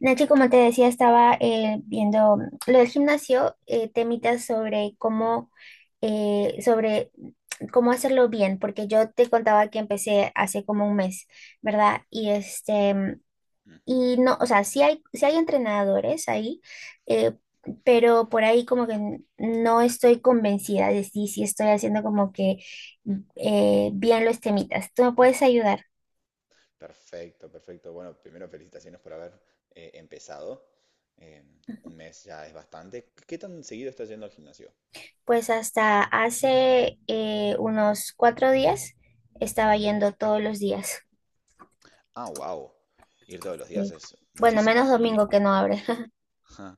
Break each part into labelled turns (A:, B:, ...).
A: Nachi, como te decía, estaba viendo lo del gimnasio, temitas sobre eh, sobre cómo hacerlo bien, porque yo te contaba que empecé hace como un mes, ¿verdad?
B: Mm,
A: Y no, o sea, sí hay entrenadores ahí, eh, pero por ahí como que no estoy convencida de si estoy haciendo como que bien los temitas. ¿Tú me puedes ayudar?
B: Perfecto, perfecto. Bueno, primero felicitaciones por haber empezado. Eh, un mes ya es bastante. ¿Qué tan seguido estás yendo al gimnasio?
A: Pues hasta hace unos 4 días estaba yendo todos los días.
B: Ah, wow. Ir todos los días
A: Sí.
B: es
A: Bueno, menos
B: muchísimo.
A: domingo que no abre.
B: Ja,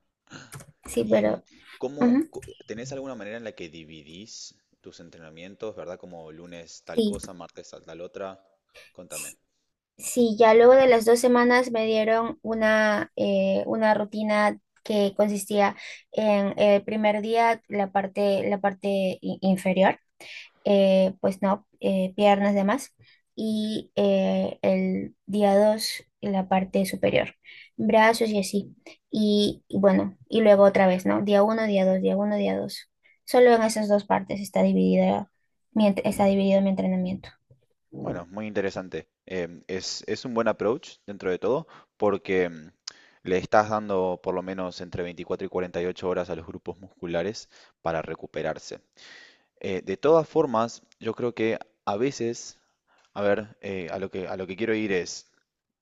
A: Sí,
B: y mm,
A: pero
B: ¿Cómo
A: ujú,
B: tenés alguna manera en la que dividís tus entrenamientos? ¿Verdad? Como lunes tal
A: sí,
B: cosa, martes tal, tal otra. Contame.
A: sí, ya luego de las 2 semanas me dieron una rutina que consistía en el primer día la parte inferior, pues no, piernas, demás, y el día 2 la parte superior, brazos y así. Y bueno, y luego otra vez, ¿no? Día uno, día dos, día uno, día dos. Solo en esas dos partes está dividida está dividido mi entrenamiento.
B: Bueno, muy interesante. Es un buen approach dentro de todo porque le estás dando por lo menos entre 24 y 48 horas a los grupos musculares para recuperarse. De todas formas, yo creo que a veces, a ver, a lo que quiero ir es,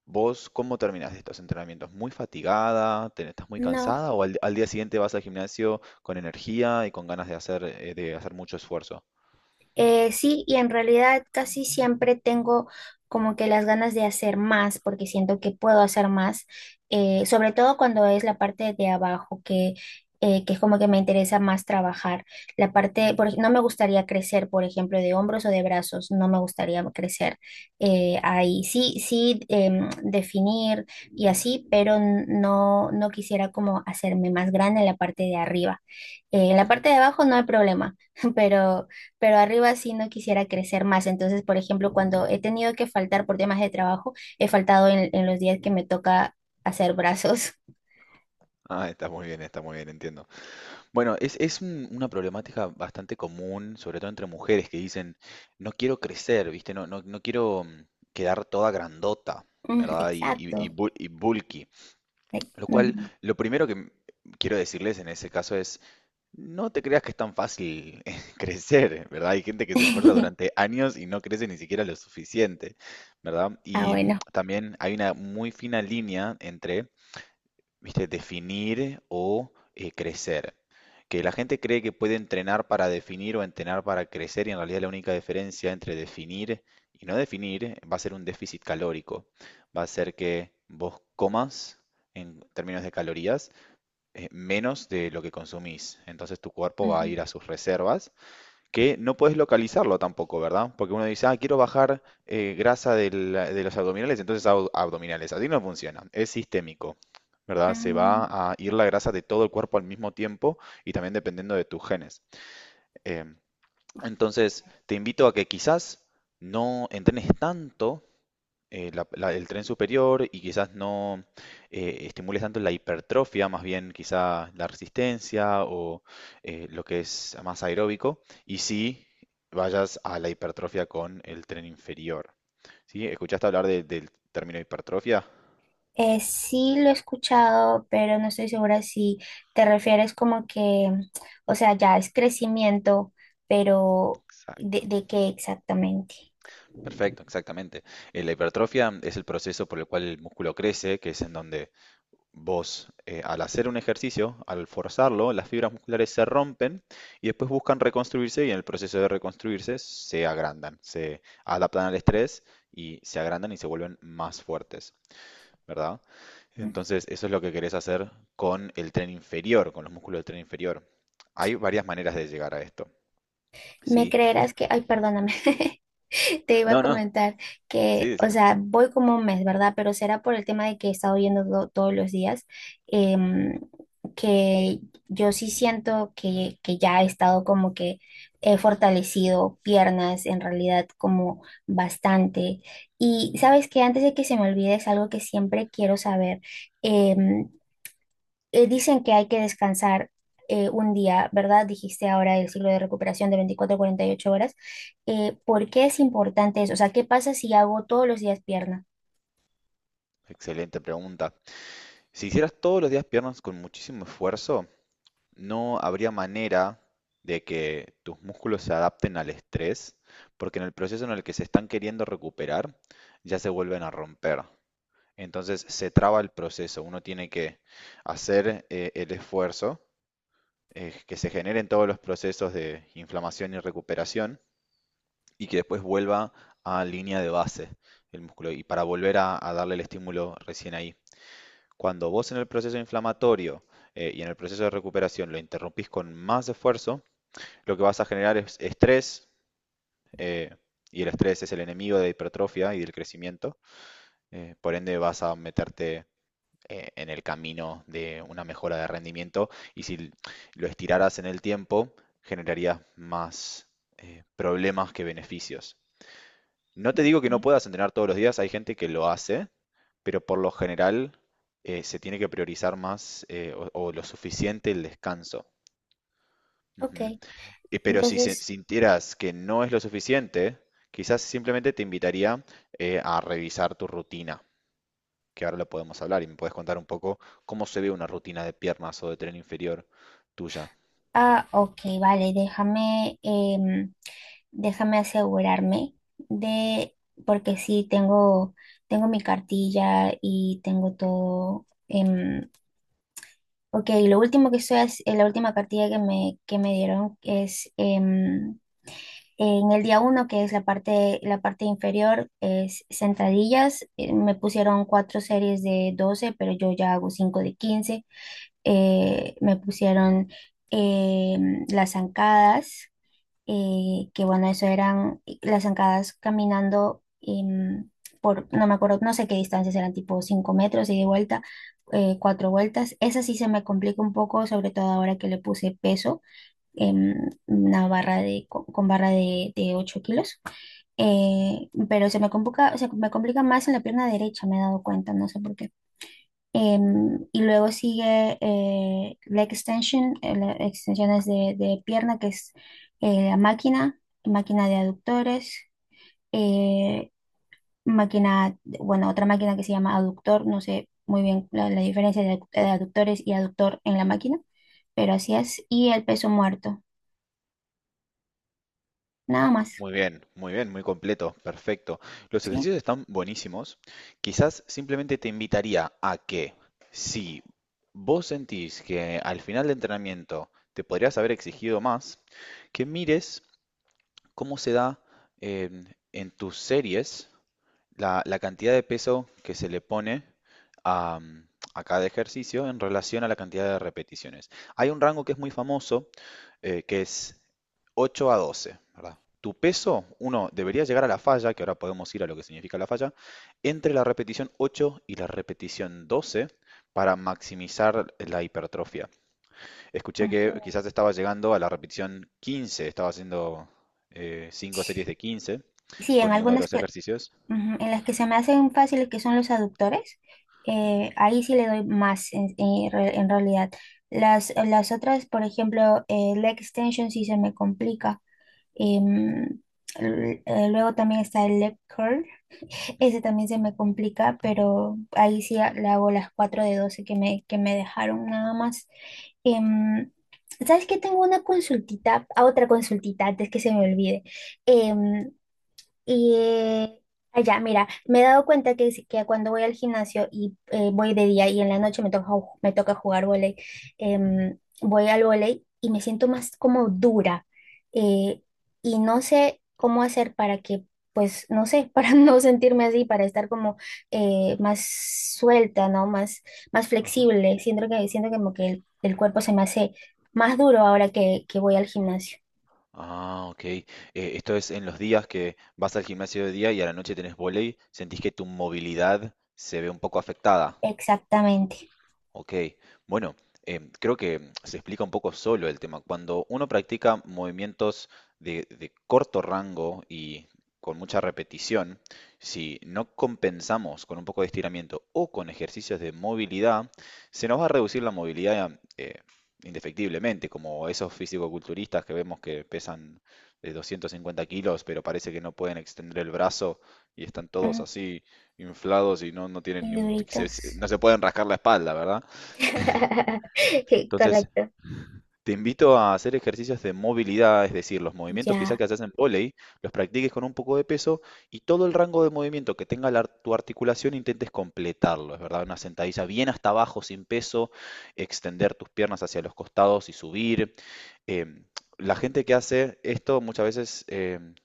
B: ¿vos cómo terminás estos entrenamientos? ¿Muy fatigada? ¿Estás muy
A: No.
B: cansada? ¿O al, al día siguiente vas al gimnasio con energía y con ganas de hacer mucho esfuerzo?
A: Sí, y en realidad casi siempre tengo como que las ganas de hacer más, porque siento que puedo hacer más, sobre todo cuando es la parte de abajo, que es como que me interesa más trabajar. La parte, por ej- No me gustaría crecer, por ejemplo, de hombros o de brazos, no me gustaría crecer ahí. Sí, sí, definir y así, pero no, no quisiera como hacerme más grande en la parte de arriba. En la parte de abajo no hay problema, pero pero arriba sí no quisiera crecer más. Entonces, por ejemplo, cuando he tenido que faltar por temas de trabajo, he faltado en los días que me toca hacer brazos.
B: Ah, está muy bien, entiendo. Bueno, es una problemática bastante común, sobre todo entre mujeres, que dicen, no quiero crecer, ¿viste? No, no, no quiero quedar toda grandota,
A: Mm,
B: ¿verdad? Y
A: exacto.
B: y bulky.
A: Ay,
B: Lo cual,
A: ujú.
B: lo primero que quiero decirles en ese caso es, no te creas que es tan fácil crecer, ¿verdad? Hay gente que se esfuerza durante años y no crece ni siquiera lo suficiente, ¿verdad?
A: Ah,
B: Y
A: bueno.
B: también hay una muy fina línea entre, ¿viste? Definir o crecer. Que la gente cree que puede entrenar para definir o entrenar para crecer y en realidad la única diferencia entre definir y no definir va a ser un déficit calórico. Va a ser que vos comas en términos de calorías menos de lo que consumís. Entonces tu cuerpo va a
A: Ujú.
B: ir a sus reservas que no puedes localizarlo tampoco, ¿verdad? Porque uno dice, ah, quiero bajar grasa de los abdominales, entonces hago abdominales. Así no funciona, es sistémico, ¿verdad? Se
A: Mm,
B: va a ir la grasa de todo el cuerpo al mismo tiempo y también dependiendo de tus genes. Em, entonces, te invito a que quizás no entrenes tanto el tren superior y quizás no estimules tanto la hipertrofia, más bien quizá la resistencia o lo que es más aeróbico, y si vayas a la hipertrofia con el tren inferior. ¿Sí? ¿Escuchaste hablar del término hipertrofia?
A: sí lo he escuchado, pero no estoy segura si te refieres como que, o sea, ya es crecimiento, pero
B: Exacto,
A: de qué exactamente?
B: perfecto, exactamente. La hipertrofia es el proceso por el cual el músculo crece, que es en donde vos, al hacer un ejercicio, al forzarlo, las fibras musculares se rompen y después buscan reconstruirse y en el proceso de reconstruirse se agrandan, se adaptan al estrés y se agrandan y se vuelven más fuertes, ¿verdad? Entonces, eso es lo que querés hacer con el tren inferior, con los músculos del tren inferior. Hay varias maneras de llegar a esto,
A: ¿Me
B: ¿sí?
A: creerás que, ay, perdóname? Te iba a
B: No, no,
A: comentar
B: sí,
A: que, o
B: decime.
A: sea, voy como un mes, ¿verdad? Pero será por el tema de que he estado yendo todos los días, em, que yo sí siento que ya he estado como que he fortalecido piernas, en realidad como bastante. Y sabes que antes de que se me olvide es algo que siempre quiero saber. em, Dicen que hay que descansar un día, ¿verdad? Dijiste ahora el ciclo de recuperación de 24 a 48 horas. ¿Por qué es importante eso? O sea, ¿qué pasa si hago todos los días pierna?
B: Excelente pregunta. Si hicieras todos los días piernas con muchísimo esfuerzo, no habría manera de que tus músculos se adapten al estrés, porque en el proceso en el que se están queriendo recuperar, ya se vuelven a romper. Entonces se traba el proceso. Uno tiene que hacer el esfuerzo, que se generen todos los procesos de inflamación y recuperación y que después vuelva a línea de base el músculo y para volver a darle el estímulo recién ahí. Cuando vos en el proceso inflamatorio y en el proceso de recuperación lo interrumpís con más esfuerzo, lo que vas a generar es estrés, eh, y el estrés es el enemigo de la hipertrofia y del crecimiento. Por ende, vas a meterte en el camino de una mejora de rendimiento y si lo estiraras en el tiempo, generarías más problemas que beneficios. No te digo que no
A: ¿Eh?
B: puedas entrenar todos los días, hay gente que lo hace, pero por lo general se tiene que priorizar más o lo suficiente el descanso.
A: Ok,
B: Ujú. Y- Pero si
A: entonces,
B: sintieras que no es lo suficiente, quizás simplemente te invitaría a revisar tu rutina, que ahora lo podemos hablar y me puedes contar un poco cómo se ve una rutina de piernas o de tren inferior tuya.
A: ok, vale, déjame asegurarme de, porque sí, tengo mi cartilla y tengo todo. Ok, lo último que estoy, la última cartilla que que me dieron es... en el día uno, que es la parte inferior, es sentadillas. Me pusieron cuatro series de 12, pero yo ya hago cinco de 15. Me pusieron eh, las zancadas, que bueno, eso eran las zancadas caminando, por, no me acuerdo, no sé qué distancias eran, tipo 5 metros y de vuelta, cuatro vueltas. Esa sí se me complica un poco, sobre todo ahora que le puse peso, em, una barra de, con barra de 8 kilos, pero se me complica más en la pierna derecha, me he dado cuenta, no sé por qué. Y luego sigue leg extension, la extensión de pierna, que es la máquina, máquina de aductores, eh, máquina, bueno, otra máquina que se llama aductor, no sé muy bien la, la diferencia de aductores y aductor en la máquina, pero así es, y el peso muerto, nada más.
B: Muy bien, muy bien, muy completo, perfecto. Los
A: ¿Sí?
B: ejercicios están buenísimos. Quizás simplemente te invitaría a que si vos sentís que al final del entrenamiento te podrías haber exigido más, que mires cómo se da em, en tus series la, la cantidad de peso que se le pone a, a cada ejercicio en relación a la cantidad de repeticiones. Hay un rango que es muy famoso, que es 8 a doce, ¿verdad? Tu peso, uno, debería llegar a la falla, que ahora podemos ir a lo que significa la falla, entre la repetición 8 y la repetición 12 para maximizar la hipertrofia. Escuché que
A: Ujú.
B: quizás estaba llegando a la repetición quince, estaba haciendo 5 series de 15
A: Sí, en
B: con uno de
A: algunas
B: los
A: que,
B: ejercicios.
A: ujú, en las que se me hacen fáciles, que son los aductores,
B: Ujú.
A: ahí sí le doy más en, en realidad. Las otras, por ejemplo, leg extension sí se me complica. Em, Luego también está el leg curl, ese
B: Ujú,
A: también se me complica, pero ahí sí le hago las 4 de 12 que que me dejaron, nada más. Em, ¿Sabes qué? Tengo una consultita, a otra consultita antes que se me olvide. Em, Y eh, Allá, mira, me he dado cuenta que, que cuando voy al gimnasio y voy de día y en la noche me toca, me toca jugar vóley, voy al vóley y me siento más como dura. eh, y no sé cómo hacer para que, pues, no sé, para no sentirme así, para estar como más suelta, ¿no? Más, más
B: ajá.
A: flexible. Siento que, siento como que el cuerpo se me hace más duro ahora que voy al gimnasio.
B: Ah, ok. Esto es en los días que vas al gimnasio de día y a la noche tenés vóley, ¿sentís que tu movilidad se ve un poco afectada?
A: Exactamente.
B: Ok, bueno, creo que se explica un poco solo el tema. Cuando uno practica movimientos de corto rango y con mucha repetición, si no compensamos con un poco de estiramiento o con ejercicios de movilidad, se nos va a reducir la movilidad indefectiblemente, como esos fisicoculturistas que vemos que pesan de 250 kilos, pero parece que no pueden extender el brazo y están todos
A: Mm,
B: así inflados y no, no tienen
A: y
B: ni un-
A: duritos.
B: no se pueden rascar la espalda, ¿verdad? Entonces,
A: Correcto.
B: te invito a hacer ejercicios de movilidad, es decir, los movimientos quizá
A: Ya.
B: que haces en vóley, los practiques con un poco de peso y todo el rango de movimiento que tenga la tu articulación intentes completarlo, es verdad, una sentadilla bien hasta abajo sin peso, extender tus piernas hacia los costados y subir. Em, la gente que hace esto muchas veces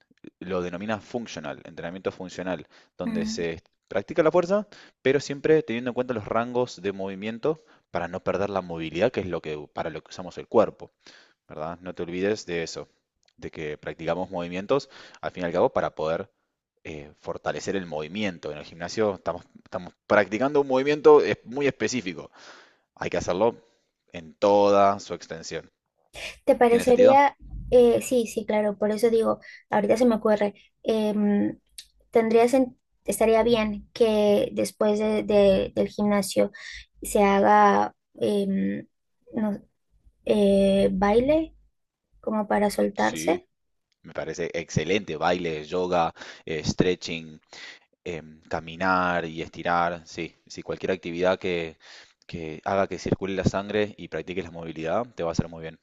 B: lo denomina functional, entrenamiento funcional, donde
A: Mm.
B: se practica la fuerza, pero siempre teniendo en cuenta los rangos de movimiento para no perder la movilidad, que es lo que, para lo que usamos el cuerpo, ¿verdad? No te olvides de eso, de que practicamos movimientos al fin y al cabo para poder fortalecer el movimiento. En el gimnasio estamos, estamos practicando un movimiento muy específico. Hay que hacerlo en toda su extensión.
A: ¿Te
B: ¿Tiene sentido?
A: parecería? Sí, sí, claro. Por eso digo, ahorita se me ocurre. em, Tendría estaría bien que después del gimnasio se haga, em, no- baile como para
B: Sí,
A: soltarse.
B: me parece excelente. Baile, yoga, stretching, caminar y estirar, sí, sí, cualquier actividad que haga que circule la sangre y practiques la movilidad te va a hacer muy bien.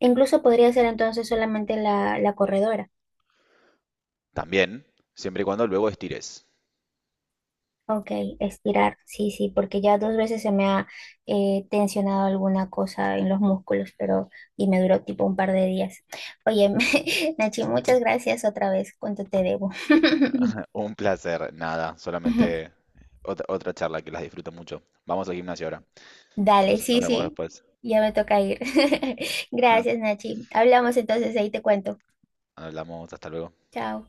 A: Incluso podría ser entonces solamente la corredora.
B: También, siempre y cuando luego estires.
A: Ok, estirar, sí, sí, porque ya dos veces se me ha tensionado alguna cosa en los músculos, pero y me duró tipo un par de días. Oye, Nachi, muchas gracias otra vez, ¿cuánto te debo?
B: Un placer, nada, solamente otra, otra charla que las disfruto mucho. Vamos al gimnasio ahora.
A: Dale,
B: Nos, nos
A: sí,
B: vemos
A: sí,
B: después.
A: ya me toca ir. Gracias, Nachi. Hablamos entonces, ahí te cuento.
B: Hablamos, hasta luego.
A: Chao.